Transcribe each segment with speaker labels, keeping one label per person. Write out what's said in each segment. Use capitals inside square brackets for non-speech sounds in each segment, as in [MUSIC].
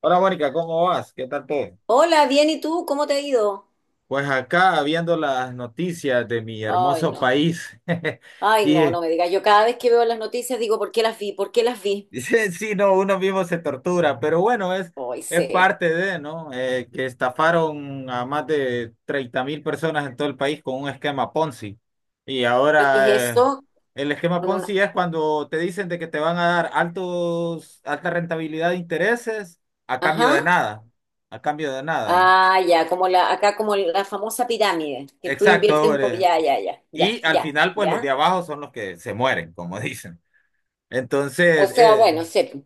Speaker 1: Hola Mónica, ¿cómo vas? ¿Qué tal todo?
Speaker 2: Hola, bien, ¿y tú? ¿Cómo te ha ido?
Speaker 1: Pues acá viendo las noticias de mi
Speaker 2: Ay,
Speaker 1: hermoso
Speaker 2: no.
Speaker 1: país [LAUGHS]
Speaker 2: Ay,
Speaker 1: y
Speaker 2: no, no me digas. Yo cada vez que veo las noticias digo, ¿por qué las vi? ¿Por qué las
Speaker 1: [LAUGHS]
Speaker 2: vi?
Speaker 1: sí, no, uno mismo se tortura, pero bueno,
Speaker 2: Ay,
Speaker 1: es
Speaker 2: sé.
Speaker 1: parte de, ¿no? Que estafaron a más de 30.000 personas en todo el país con un esquema Ponzi. Y
Speaker 2: ¿Lo que es
Speaker 1: ahora
Speaker 2: eso?
Speaker 1: el esquema
Speaker 2: Con una.
Speaker 1: Ponzi es cuando te dicen de que te van a dar alta rentabilidad de intereses a cambio
Speaker 2: Ajá.
Speaker 1: de nada, a cambio de nada, ¿no?
Speaker 2: Ah, ya, acá como la famosa pirámide, que tú
Speaker 1: Exacto,
Speaker 2: inviertes un poco.
Speaker 1: hombre.
Speaker 2: Ya, ya, ya, ya,
Speaker 1: Y al
Speaker 2: ya,
Speaker 1: final, pues los de
Speaker 2: ya.
Speaker 1: abajo son los que se mueren, como [LAUGHS] dicen.
Speaker 2: O
Speaker 1: Entonces,
Speaker 2: sea, bueno, sé.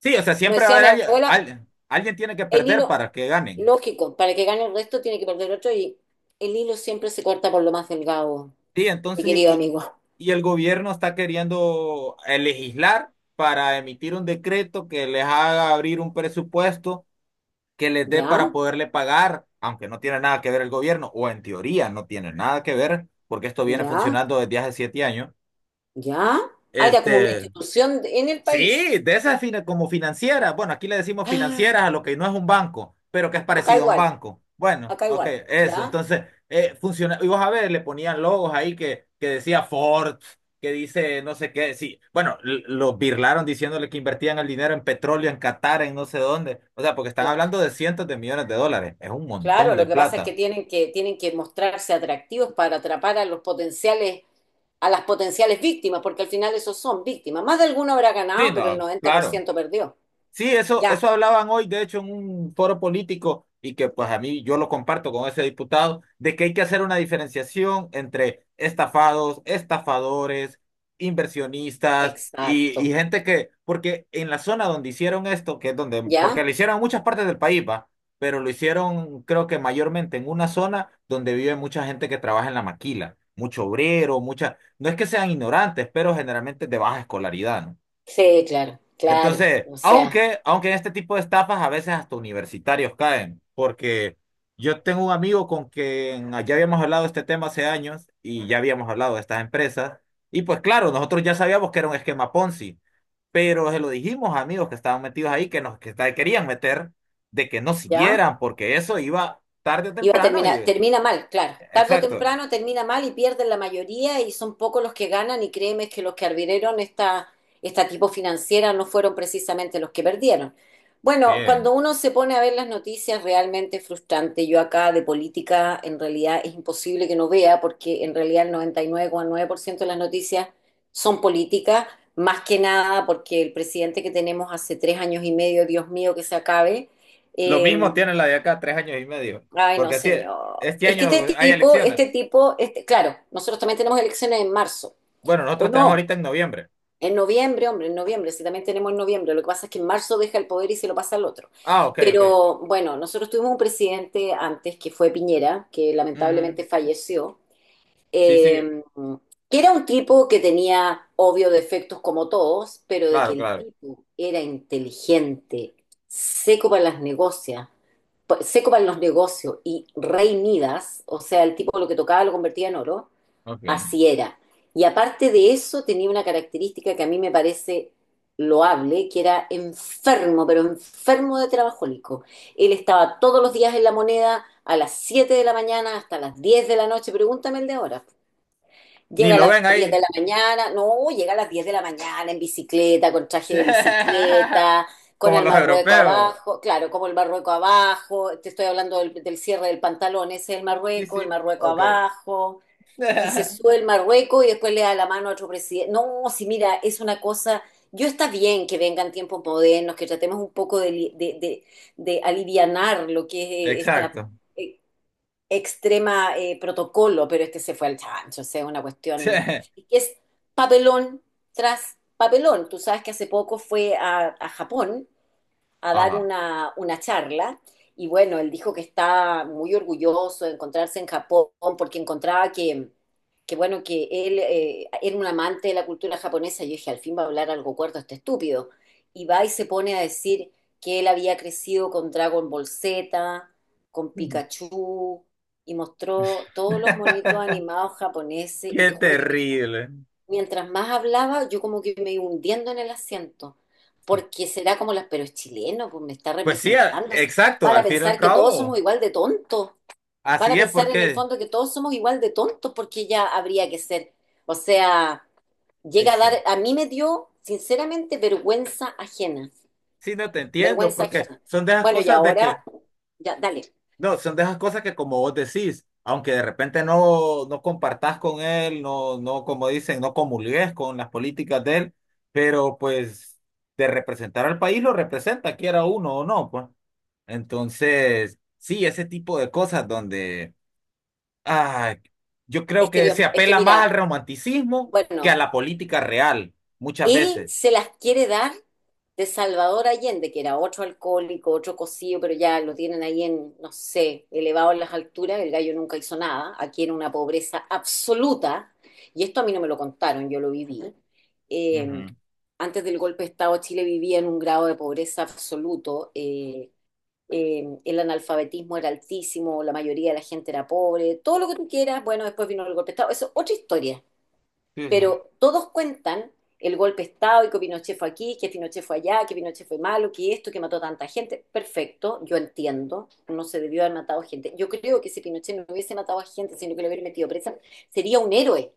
Speaker 1: sí, o sea,
Speaker 2: Como
Speaker 1: siempre va a
Speaker 2: decía
Speaker 1: haber
Speaker 2: mi
Speaker 1: alguien,
Speaker 2: abuela,
Speaker 1: alguien tiene que
Speaker 2: el
Speaker 1: perder
Speaker 2: hilo,
Speaker 1: para que ganen.
Speaker 2: lógico, para que gane el resto tiene que perder otro y el hilo siempre se corta por lo más delgado,
Speaker 1: Sí,
Speaker 2: mi
Speaker 1: entonces,
Speaker 2: querido
Speaker 1: y,
Speaker 2: amigo.
Speaker 1: y el gobierno está queriendo legislar para emitir un decreto que les haga abrir un presupuesto que les dé para
Speaker 2: ¿Ya?
Speaker 1: poderle pagar, aunque no tiene nada que ver el gobierno, o en teoría no tiene nada que ver, porque esto viene
Speaker 2: ¿Ya?
Speaker 1: funcionando desde hace 7 años.
Speaker 2: ¿Ya? Ah, era como una
Speaker 1: Este,
Speaker 2: institución en el país.
Speaker 1: Sí, de como financieras. Bueno, aquí le decimos
Speaker 2: Ah,
Speaker 1: financieras a lo que no es un banco, pero que es
Speaker 2: acá
Speaker 1: parecido a un
Speaker 2: igual,
Speaker 1: banco. Bueno,
Speaker 2: acá
Speaker 1: ok,
Speaker 2: igual,
Speaker 1: eso.
Speaker 2: ¿ya?
Speaker 1: Entonces, funciona. Y vos a ver, le ponían logos ahí que decía Ford, que dice no sé qué. Sí, bueno, los birlaron diciéndole que invertían el dinero en petróleo, en Qatar, en no sé dónde. O sea, porque están
Speaker 2: Claro.
Speaker 1: hablando de cientos de millones de dólares. Es un montón
Speaker 2: Claro,
Speaker 1: de
Speaker 2: lo que pasa es que
Speaker 1: plata.
Speaker 2: tienen que mostrarse atractivos para atrapar a los potenciales, a las potenciales víctimas, porque al final esos son víctimas. Más de alguno habrá
Speaker 1: Sí,
Speaker 2: ganado, pero el
Speaker 1: no,
Speaker 2: noventa por
Speaker 1: claro.
Speaker 2: ciento perdió.
Speaker 1: Sí,
Speaker 2: Ya,
Speaker 1: eso hablaban hoy, de hecho, en un foro político, y que pues a mí yo lo comparto con ese diputado, de que hay que hacer una diferenciación entre estafados, estafadores, inversionistas y
Speaker 2: exacto.
Speaker 1: gente que, porque en la zona donde hicieron esto, que es donde, porque lo
Speaker 2: ¿Ya?
Speaker 1: hicieron en muchas partes del país, va, pero lo hicieron creo que mayormente en una zona donde vive mucha gente que trabaja en la maquila, mucho obrero, mucha, no es que sean ignorantes, pero generalmente de baja escolaridad, ¿no?
Speaker 2: Sí, claro, claro.
Speaker 1: Entonces,
Speaker 2: O sea,
Speaker 1: aunque en este tipo de estafas a veces hasta universitarios caen, porque yo tengo un amigo con quien ya habíamos hablado de este tema hace años y ya habíamos hablado de estas empresas, y pues claro, nosotros ya sabíamos que era un esquema Ponzi, pero se lo dijimos a amigos que estaban metidos ahí, que querían meter, de que no
Speaker 2: ¿ya?
Speaker 1: siguieran, porque eso iba tarde o
Speaker 2: Iba a
Speaker 1: temprano
Speaker 2: terminar,
Speaker 1: y...
Speaker 2: termina mal, claro. Tarde o
Speaker 1: Exacto.
Speaker 2: temprano termina mal y pierden la mayoría y son pocos los que ganan y créeme que los que arbitraron esta tipo financiera no fueron precisamente los que perdieron. Bueno,
Speaker 1: Bien.
Speaker 2: cuando uno se pone a ver las noticias realmente es frustrante. Yo acá de política en realidad es imposible que no vea porque en realidad el 99,9% de las noticias son políticas, más que nada porque el presidente que tenemos hace 3 años y medio, Dios mío, que se acabe.
Speaker 1: Lo mismo
Speaker 2: em,
Speaker 1: tiene la de acá, 3 años y medio,
Speaker 2: Ay, no,
Speaker 1: porque así,
Speaker 2: señor.
Speaker 1: este
Speaker 2: Es que
Speaker 1: año
Speaker 2: este
Speaker 1: hay
Speaker 2: tipo, este
Speaker 1: elecciones.
Speaker 2: tipo, este, claro, nosotros también tenemos elecciones en marzo,
Speaker 1: Bueno,
Speaker 2: ¿o
Speaker 1: nosotros tenemos
Speaker 2: no?
Speaker 1: ahorita en noviembre.
Speaker 2: En noviembre, hombre, en noviembre, sí, también tenemos en noviembre. Lo que pasa es que en marzo deja el poder y se lo pasa al otro.
Speaker 1: Ah, ok, ok.
Speaker 2: Pero bueno, nosotros tuvimos un presidente antes que fue Piñera, que
Speaker 1: Ujú.
Speaker 2: lamentablemente falleció,
Speaker 1: Sí, sí,
Speaker 2: eh, que era un tipo que tenía obvio defectos como todos, pero de que
Speaker 1: claro,
Speaker 2: el
Speaker 1: claro.
Speaker 2: tipo era inteligente, seco para las negocias, pa- seco para los negocios y rey Midas, o sea, el tipo lo que tocaba lo convertía en oro,
Speaker 1: Ok.
Speaker 2: así era. Y aparte de eso tenía una característica que a mí me parece loable, que era enfermo, pero enfermo de trabajólico. Él estaba todos los días en la moneda a las 7 de la mañana hasta las 10 de la noche, pregúntame el de ahora.
Speaker 1: Ni
Speaker 2: Llega a
Speaker 1: lo
Speaker 2: las
Speaker 1: ven
Speaker 2: 10 de
Speaker 1: ahí.
Speaker 2: la mañana, no, llega a las 10 de la mañana en bicicleta, con traje
Speaker 1: Sí.
Speaker 2: de
Speaker 1: [LAUGHS]
Speaker 2: bicicleta, con
Speaker 1: Como
Speaker 2: el
Speaker 1: los
Speaker 2: marrueco
Speaker 1: europeos.
Speaker 2: abajo, claro, como el marrueco abajo, te estoy hablando del cierre del pantalón, ese es
Speaker 1: Sí, sí,
Speaker 2: el marrueco
Speaker 1: ok.
Speaker 2: abajo, y se sube
Speaker 1: [LAUGHS]
Speaker 2: el marrueco y después le da la mano a otro presidente. No, si mira, es una cosa, yo está bien que vengan tiempos modernos, que tratemos un poco de, li- de alivianar lo que es esta
Speaker 1: Exacto.
Speaker 2: eh, extrema protocolo, pero este se fue al chancho, o sea, una
Speaker 1: Sí.
Speaker 2: cuestión y que es papelón tras papelón. Tú sabes que hace poco fue a Japón a dar
Speaker 1: Ajá.
Speaker 2: una charla y bueno, él dijo que está muy orgulloso de encontrarse en Japón porque encontraba que bueno, que él era un amante de la cultura japonesa. Yo dije, al fin va a hablar algo cuerdo este estúpido. Y va y se pone a decir que él había crecido con Dragon Ball Z, con Pikachu, y mostró todos los monitos
Speaker 1: [LAUGHS]
Speaker 2: animados japoneses, y
Speaker 1: Qué
Speaker 2: te juro que
Speaker 1: terrible.
Speaker 2: mientras más hablaba, yo como que me iba hundiendo en el asiento, porque será como las, pero es chileno, pues me está
Speaker 1: Pues sí,
Speaker 2: representando.
Speaker 1: exacto,
Speaker 2: Van a
Speaker 1: al fin y al
Speaker 2: pensar que todos somos
Speaker 1: cabo.
Speaker 2: igual de tontos. Van
Speaker 1: Así
Speaker 2: a
Speaker 1: es
Speaker 2: pensar en el
Speaker 1: porque,
Speaker 2: fondo que todos somos igual de tontos, porque ya habría que ser. O sea, llega a
Speaker 1: ex-
Speaker 2: dar, a mí me dio, sinceramente, vergüenza ajena.
Speaker 1: sí, no te entiendo,
Speaker 2: Vergüenza
Speaker 1: porque
Speaker 2: ajena.
Speaker 1: son de esas
Speaker 2: Bueno, y
Speaker 1: cosas de que
Speaker 2: ahora, ya, dale.
Speaker 1: no, son de esas cosas que como vos decís, aunque de repente no compartás con él, no, como dicen, no comulgues con las políticas de él, pero pues de representar al país lo representa, quiera uno o no, pues. Entonces, sí, ese tipo de cosas donde ah, yo creo
Speaker 2: Es que
Speaker 1: que
Speaker 2: Dios,
Speaker 1: se
Speaker 2: es que
Speaker 1: apela más al
Speaker 2: mira,
Speaker 1: romanticismo
Speaker 2: bueno,
Speaker 1: que a la política real, muchas
Speaker 2: él
Speaker 1: veces.
Speaker 2: se las quiere dar de Salvador Allende, que era otro alcohólico, otro cocido, pero ya lo tienen ahí en, no sé, elevado en las alturas. El gallo nunca hizo nada. Aquí era una pobreza absoluta. Y esto a mí no me lo contaron, yo lo viví. Eh,
Speaker 1: Ujú.
Speaker 2: Antes del golpe de Estado, Chile vivía en un grado de pobreza absoluto. El analfabetismo era altísimo, la mayoría de la gente era pobre, todo lo que tú quieras. Bueno, después vino el golpe de Estado. Eso es otra historia,
Speaker 1: Sí, sí.
Speaker 2: pero todos cuentan el golpe de Estado y que Pinochet fue aquí, que Pinochet fue allá, que Pinochet fue malo, que esto, que mató tanta gente. Perfecto, yo entiendo, no se debió haber matado gente. Yo creo que si Pinochet no hubiese matado a gente, sino que lo hubiera metido presa, sería un héroe,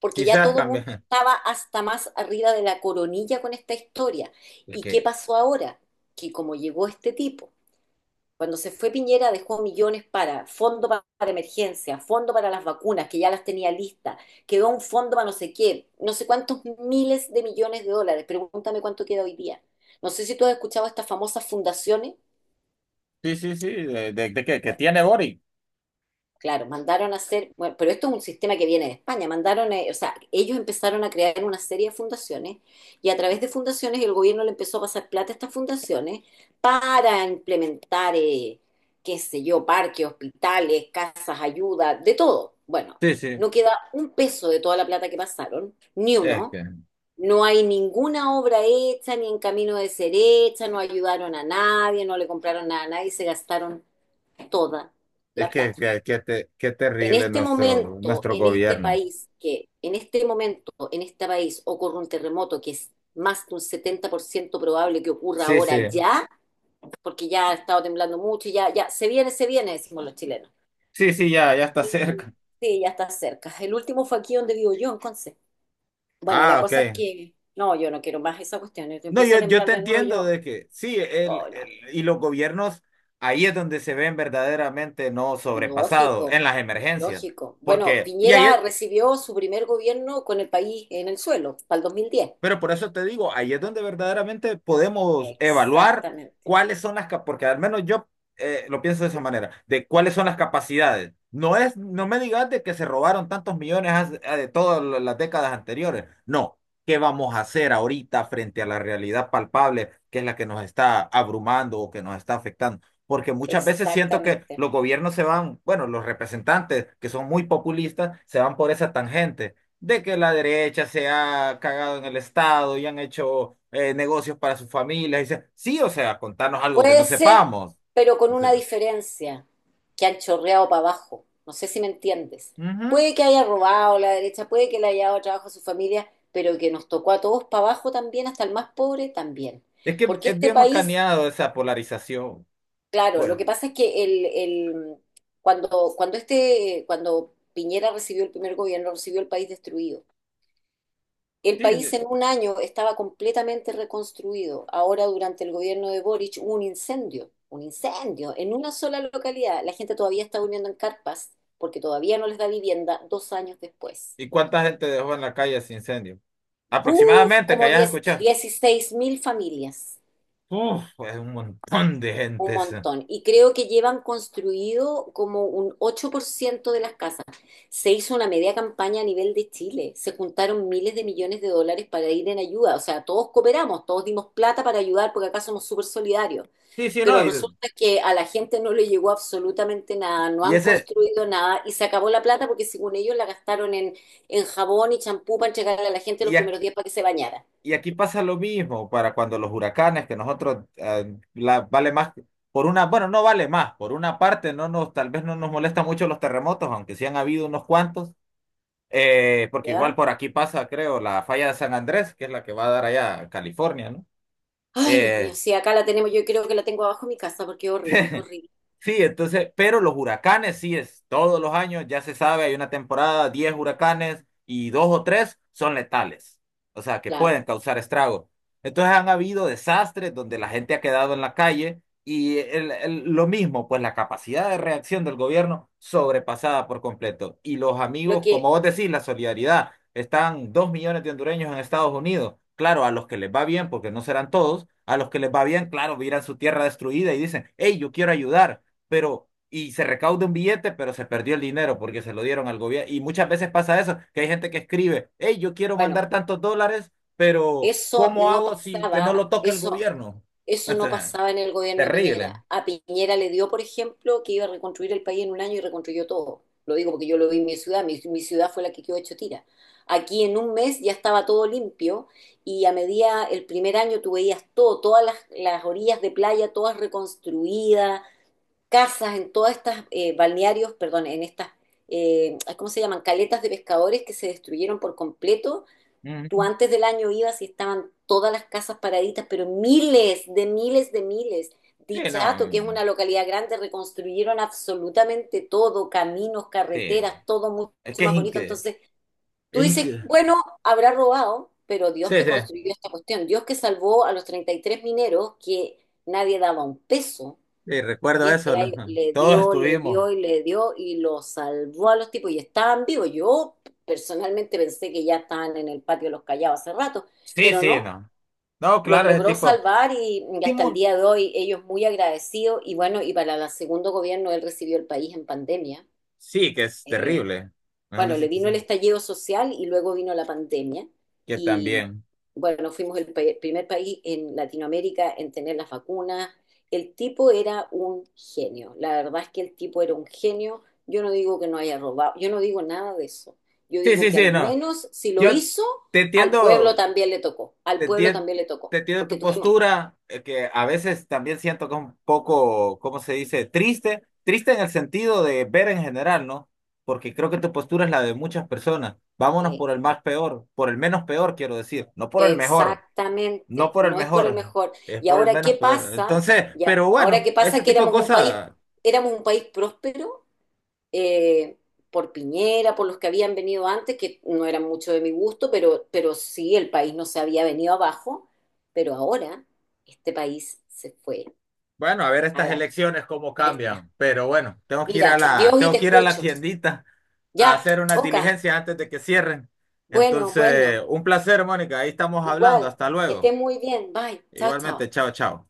Speaker 2: porque ya
Speaker 1: Quizás
Speaker 2: todo el
Speaker 1: cambie.
Speaker 2: mundo
Speaker 1: [LAUGHS]
Speaker 2: estaba hasta más arriba de la coronilla con esta historia.
Speaker 1: Es
Speaker 2: ¿Y qué
Speaker 1: que,
Speaker 2: pasó ahora? Que como llegó este tipo cuando se fue Piñera dejó millones para para emergencia, fondo para las vacunas, que ya las tenía listas, quedó un fondo para no sé qué, no sé cuántos miles de millones de dólares. Pregúntame cuánto queda hoy día. No sé si tú has escuchado estas famosas fundaciones.
Speaker 1: sí, sí, sí, de que tiene Boric.
Speaker 2: Claro, mandaron a hacer, bueno, pero esto es un sistema que viene de España, mandaron, o sea, ellos empezaron a crear una serie de fundaciones y a través de fundaciones el gobierno le empezó a pasar plata a estas fundaciones para implementar, qué sé yo, parques, hospitales, casas, ayuda, de todo. Bueno,
Speaker 1: Sí, sí.
Speaker 2: no queda un peso de toda la plata que pasaron, ni
Speaker 1: Es
Speaker 2: uno.
Speaker 1: que.
Speaker 2: No hay ninguna obra hecha, ni en camino de ser hecha, no ayudaron a nadie, no le compraron nada a nadie, se gastaron toda la plata.
Speaker 1: Qué
Speaker 2: En
Speaker 1: terrible
Speaker 2: este
Speaker 1: nuestro,
Speaker 2: momento,
Speaker 1: nuestro
Speaker 2: en este
Speaker 1: gobierno.
Speaker 2: país, que en este momento, en este país ocurre un terremoto que es más de un 70% probable que ocurra
Speaker 1: Sí, sí,
Speaker 2: ahora ya, porque ya ha estado temblando mucho, ya, ya, se viene, decimos los chilenos.
Speaker 1: sí, sí, ya, ya está
Speaker 2: Y
Speaker 1: cerca.
Speaker 2: sí, ya está cerca. El último fue aquí donde vivo yo, entonces. Bueno, la
Speaker 1: Ah,
Speaker 2: cosa es
Speaker 1: ok.
Speaker 2: que, no, yo no quiero más esa cuestión. Y
Speaker 1: No,
Speaker 2: empieza a
Speaker 1: yo
Speaker 2: temblar
Speaker 1: te
Speaker 2: de nuevo,
Speaker 1: entiendo
Speaker 2: yo,
Speaker 1: de que sí,
Speaker 2: oh, no.
Speaker 1: y los gobiernos, ahí es donde se ven verdaderamente no sobrepasados, en
Speaker 2: Lógico,
Speaker 1: las emergencias.
Speaker 2: lógico. Bueno,
Speaker 1: Porque, y ahí,
Speaker 2: Piñera recibió su primer gobierno con el país en el suelo, para el 2010.
Speaker 1: Pero por eso te digo, ahí es donde verdaderamente podemos evaluar
Speaker 2: Exactamente,
Speaker 1: cuáles son las, cap- porque al menos yo lo pienso de esa manera, de cuáles son las capacidades. No es, no me digas de que se robaron tantos millones de todas las décadas anteriores. No, ¿qué vamos a hacer ahorita frente a la realidad palpable que es la que nos está abrumando o que nos está afectando? Porque muchas veces siento que
Speaker 2: exactamente.
Speaker 1: los gobiernos se van, bueno, los representantes que son muy populistas se van por esa tangente de que la derecha se ha cagado en el Estado y han hecho negocios para sus familias. Y sí, o sea, contarnos algo que
Speaker 2: Puede
Speaker 1: no
Speaker 2: ser,
Speaker 1: sepamos.
Speaker 2: pero con
Speaker 1: O
Speaker 2: una
Speaker 1: sea,
Speaker 2: diferencia, que han chorreado para abajo. No sé si me entiendes.
Speaker 1: ujú.
Speaker 2: Puede que haya robado la derecha, puede que le haya dado trabajo a su familia, pero que nos tocó a todos para abajo también, hasta el más pobre también.
Speaker 1: Es que
Speaker 2: Porque
Speaker 1: es
Speaker 2: este
Speaker 1: bien
Speaker 2: país,
Speaker 1: macaneado esa polarización.
Speaker 2: claro, lo
Speaker 1: Pues,
Speaker 2: que pasa es que cuando Piñera recibió el primer gobierno, recibió el país destruido. El
Speaker 1: sí,
Speaker 2: país
Speaker 1: sí.
Speaker 2: en un año estaba completamente reconstruido. Ahora, durante el gobierno de Boric, hubo un incendio en una sola localidad. La gente todavía está durmiendo en carpas porque todavía no les da vivienda 2 años después.
Speaker 1: ¿Y cuánta gente dejó en la calle ese incendio?
Speaker 2: ¡Buf!
Speaker 1: Aproximadamente, que
Speaker 2: Como
Speaker 1: hayas
Speaker 2: 10,
Speaker 1: escuchado.
Speaker 2: 16.000 familias.
Speaker 1: Uf, es un montón de
Speaker 2: Un
Speaker 1: gente esa.
Speaker 2: montón. Y creo que llevan construido como un 8% de las casas. Se hizo una media campaña a nivel de Chile. Se juntaron miles de millones de dólares para ir en ayuda. O sea, todos cooperamos, todos dimos plata para ayudar porque acá somos súper solidarios.
Speaker 1: Sí, sí, no,
Speaker 2: Pero
Speaker 1: y,
Speaker 2: resulta que a la gente no le llegó absolutamente nada, no
Speaker 1: y
Speaker 2: han
Speaker 1: ese,
Speaker 2: construido nada y se acabó la plata porque según ellos la gastaron en jabón y champú para entregarle a la gente los
Speaker 1: y,
Speaker 2: primeros
Speaker 1: ac-
Speaker 2: días para que se bañara.
Speaker 1: Y aquí pasa lo mismo para cuando los huracanes, que nosotros vale más por una, bueno, no vale más, por una parte no nos, tal vez no nos molesta mucho los terremotos, aunque sí han habido unos cuantos, porque igual
Speaker 2: ¿Ya?
Speaker 1: por aquí pasa, creo, la falla de San Andrés, que es la que va a dar allá a California, ¿no?
Speaker 2: Ay, Dios mío,
Speaker 1: Eh,
Speaker 2: sí, acá la tenemos, yo creo que la tengo abajo en mi casa porque es horrible, es horrible.
Speaker 1: sí, entonces, pero los huracanes sí es todos los años, ya se sabe, hay una temporada, 10 huracanes y dos o tres son letales, o sea, que
Speaker 2: Claro.
Speaker 1: pueden causar estragos. Entonces han habido desastres donde la gente ha quedado en la calle y lo mismo, pues la capacidad de reacción del gobierno sobrepasada por completo. Y los
Speaker 2: Lo
Speaker 1: amigos, como
Speaker 2: que,
Speaker 1: vos decís, la solidaridad, están 2 millones de hondureños en Estados Unidos. Claro, a los que les va bien, porque no serán todos, a los que les va bien, claro, miran su tierra destruida y dicen, hey, yo quiero ayudar, pero y se recauda un billete, pero se perdió el dinero porque se lo dieron al gobierno. Y muchas veces pasa eso, que hay gente que escribe, hey, yo quiero
Speaker 2: bueno,
Speaker 1: mandar tantos dólares, pero
Speaker 2: Eso
Speaker 1: ¿cómo
Speaker 2: no
Speaker 1: hago si que no
Speaker 2: pasaba,
Speaker 1: lo toque el
Speaker 2: eso,
Speaker 1: gobierno? O
Speaker 2: eso no
Speaker 1: sea,
Speaker 2: pasaba en el gobierno de
Speaker 1: terrible.
Speaker 2: Piñera. A Piñera le dio, por ejemplo, que iba a reconstruir el país en un año y reconstruyó todo. Lo digo porque yo lo vi en mi ciudad, mi ciudad fue la que quedó hecho tira. Aquí en un mes ya estaba todo limpio y a medida, el primer año tú veías todo, todas las orillas de playa, todas reconstruidas, casas en todas estas balnearios, perdón, en estas, ¿cómo se llaman? Caletas de pescadores que se destruyeron por completo. Tú
Speaker 1: Ujú.
Speaker 2: antes del año ibas y estaban todas las casas paraditas, pero miles de miles de miles.
Speaker 1: Sí, no,
Speaker 2: Dichato, que es una localidad grande, reconstruyeron absolutamente todo, caminos,
Speaker 1: sí,
Speaker 2: carreteras, todo mucho
Speaker 1: es que es
Speaker 2: más bonito.
Speaker 1: increíble.
Speaker 2: Entonces, tú
Speaker 1: Es
Speaker 2: dices,
Speaker 1: incre-
Speaker 2: bueno, habrá robado, pero Dios
Speaker 1: Sí,
Speaker 2: que
Speaker 1: sí,
Speaker 2: construyó esta cuestión, Dios que salvó a los 33 mineros que nadie daba un peso
Speaker 1: sí, recuerdo
Speaker 2: y este
Speaker 1: eso,
Speaker 2: gallo
Speaker 1: todos estuvimos.
Speaker 2: le dio y lo salvó a los tipos y estaban vivos. Yo personalmente pensé que ya estaban en el patio de los callados hace rato,
Speaker 1: Sí,
Speaker 2: pero
Speaker 1: sí,
Speaker 2: no,
Speaker 1: no. No,
Speaker 2: los
Speaker 1: claro, ese
Speaker 2: logró
Speaker 1: tipo.
Speaker 2: salvar y hasta el
Speaker 1: Timón,
Speaker 2: día de hoy ellos muy agradecidos y bueno, y para el segundo gobierno él recibió el país en pandemia.
Speaker 1: sí, que es
Speaker 2: Eh,
Speaker 1: terrible. No, no
Speaker 2: bueno, le
Speaker 1: existe
Speaker 2: vino
Speaker 1: ese-
Speaker 2: el estallido social y luego vino la pandemia.
Speaker 1: Que
Speaker 2: Y
Speaker 1: también.
Speaker 2: bueno, fuimos el primer país en Latinoamérica en tener las vacunas. El tipo era un genio. La verdad es que el tipo era un genio. Yo no digo que no haya robado, yo no digo nada de eso. Yo
Speaker 1: Sí,
Speaker 2: digo
Speaker 1: sí,
Speaker 2: que
Speaker 1: sí,
Speaker 2: al
Speaker 1: no.
Speaker 2: menos si lo
Speaker 1: Yo
Speaker 2: hizo,
Speaker 1: te
Speaker 2: al pueblo
Speaker 1: entiendo,
Speaker 2: también le tocó. Al
Speaker 1: te
Speaker 2: pueblo
Speaker 1: entiendo,
Speaker 2: también le
Speaker 1: te
Speaker 2: tocó.
Speaker 1: entiendo
Speaker 2: Porque
Speaker 1: tu
Speaker 2: tuvimos,
Speaker 1: postura, que a veces también siento que es un poco, ¿cómo se dice? Triste, triste en el sentido de ver en general, ¿no? Porque creo que tu postura es la de muchas personas. Vámonos
Speaker 2: eh,
Speaker 1: por el más peor, por el menos peor, quiero decir, no por el mejor, no
Speaker 2: Exactamente,
Speaker 1: por el
Speaker 2: no es por el
Speaker 1: mejor,
Speaker 2: mejor.
Speaker 1: es
Speaker 2: Y
Speaker 1: por el
Speaker 2: ahora qué
Speaker 1: menos peor.
Speaker 2: pasa,
Speaker 1: Entonces,
Speaker 2: ya,
Speaker 1: pero
Speaker 2: ahora
Speaker 1: bueno,
Speaker 2: qué
Speaker 1: ese
Speaker 2: pasa que
Speaker 1: tipo de cosas.
Speaker 2: éramos un país próspero eh, por Piñera, por los que habían venido antes, que no eran mucho de mi gusto, pero sí el país no se había venido abajo, pero ahora este país se fue
Speaker 1: Bueno, a ver
Speaker 2: a
Speaker 1: estas
Speaker 2: la
Speaker 1: elecciones cómo
Speaker 2: cresta.
Speaker 1: cambian, pero bueno, tengo que ir
Speaker 2: Mira,
Speaker 1: a
Speaker 2: Dios y
Speaker 1: tengo
Speaker 2: te
Speaker 1: que ir a la
Speaker 2: escucho.
Speaker 1: tiendita
Speaker 2: Ya,
Speaker 1: a hacer unas
Speaker 2: Oka,
Speaker 1: diligencias antes de que cierren.
Speaker 2: bueno,
Speaker 1: Entonces,
Speaker 2: bueno,
Speaker 1: un placer, Mónica, ahí estamos hablando,
Speaker 2: igual,
Speaker 1: hasta
Speaker 2: que
Speaker 1: luego.
Speaker 2: estés muy bien. Bye, chao, chao.
Speaker 1: Igualmente, chao, chao.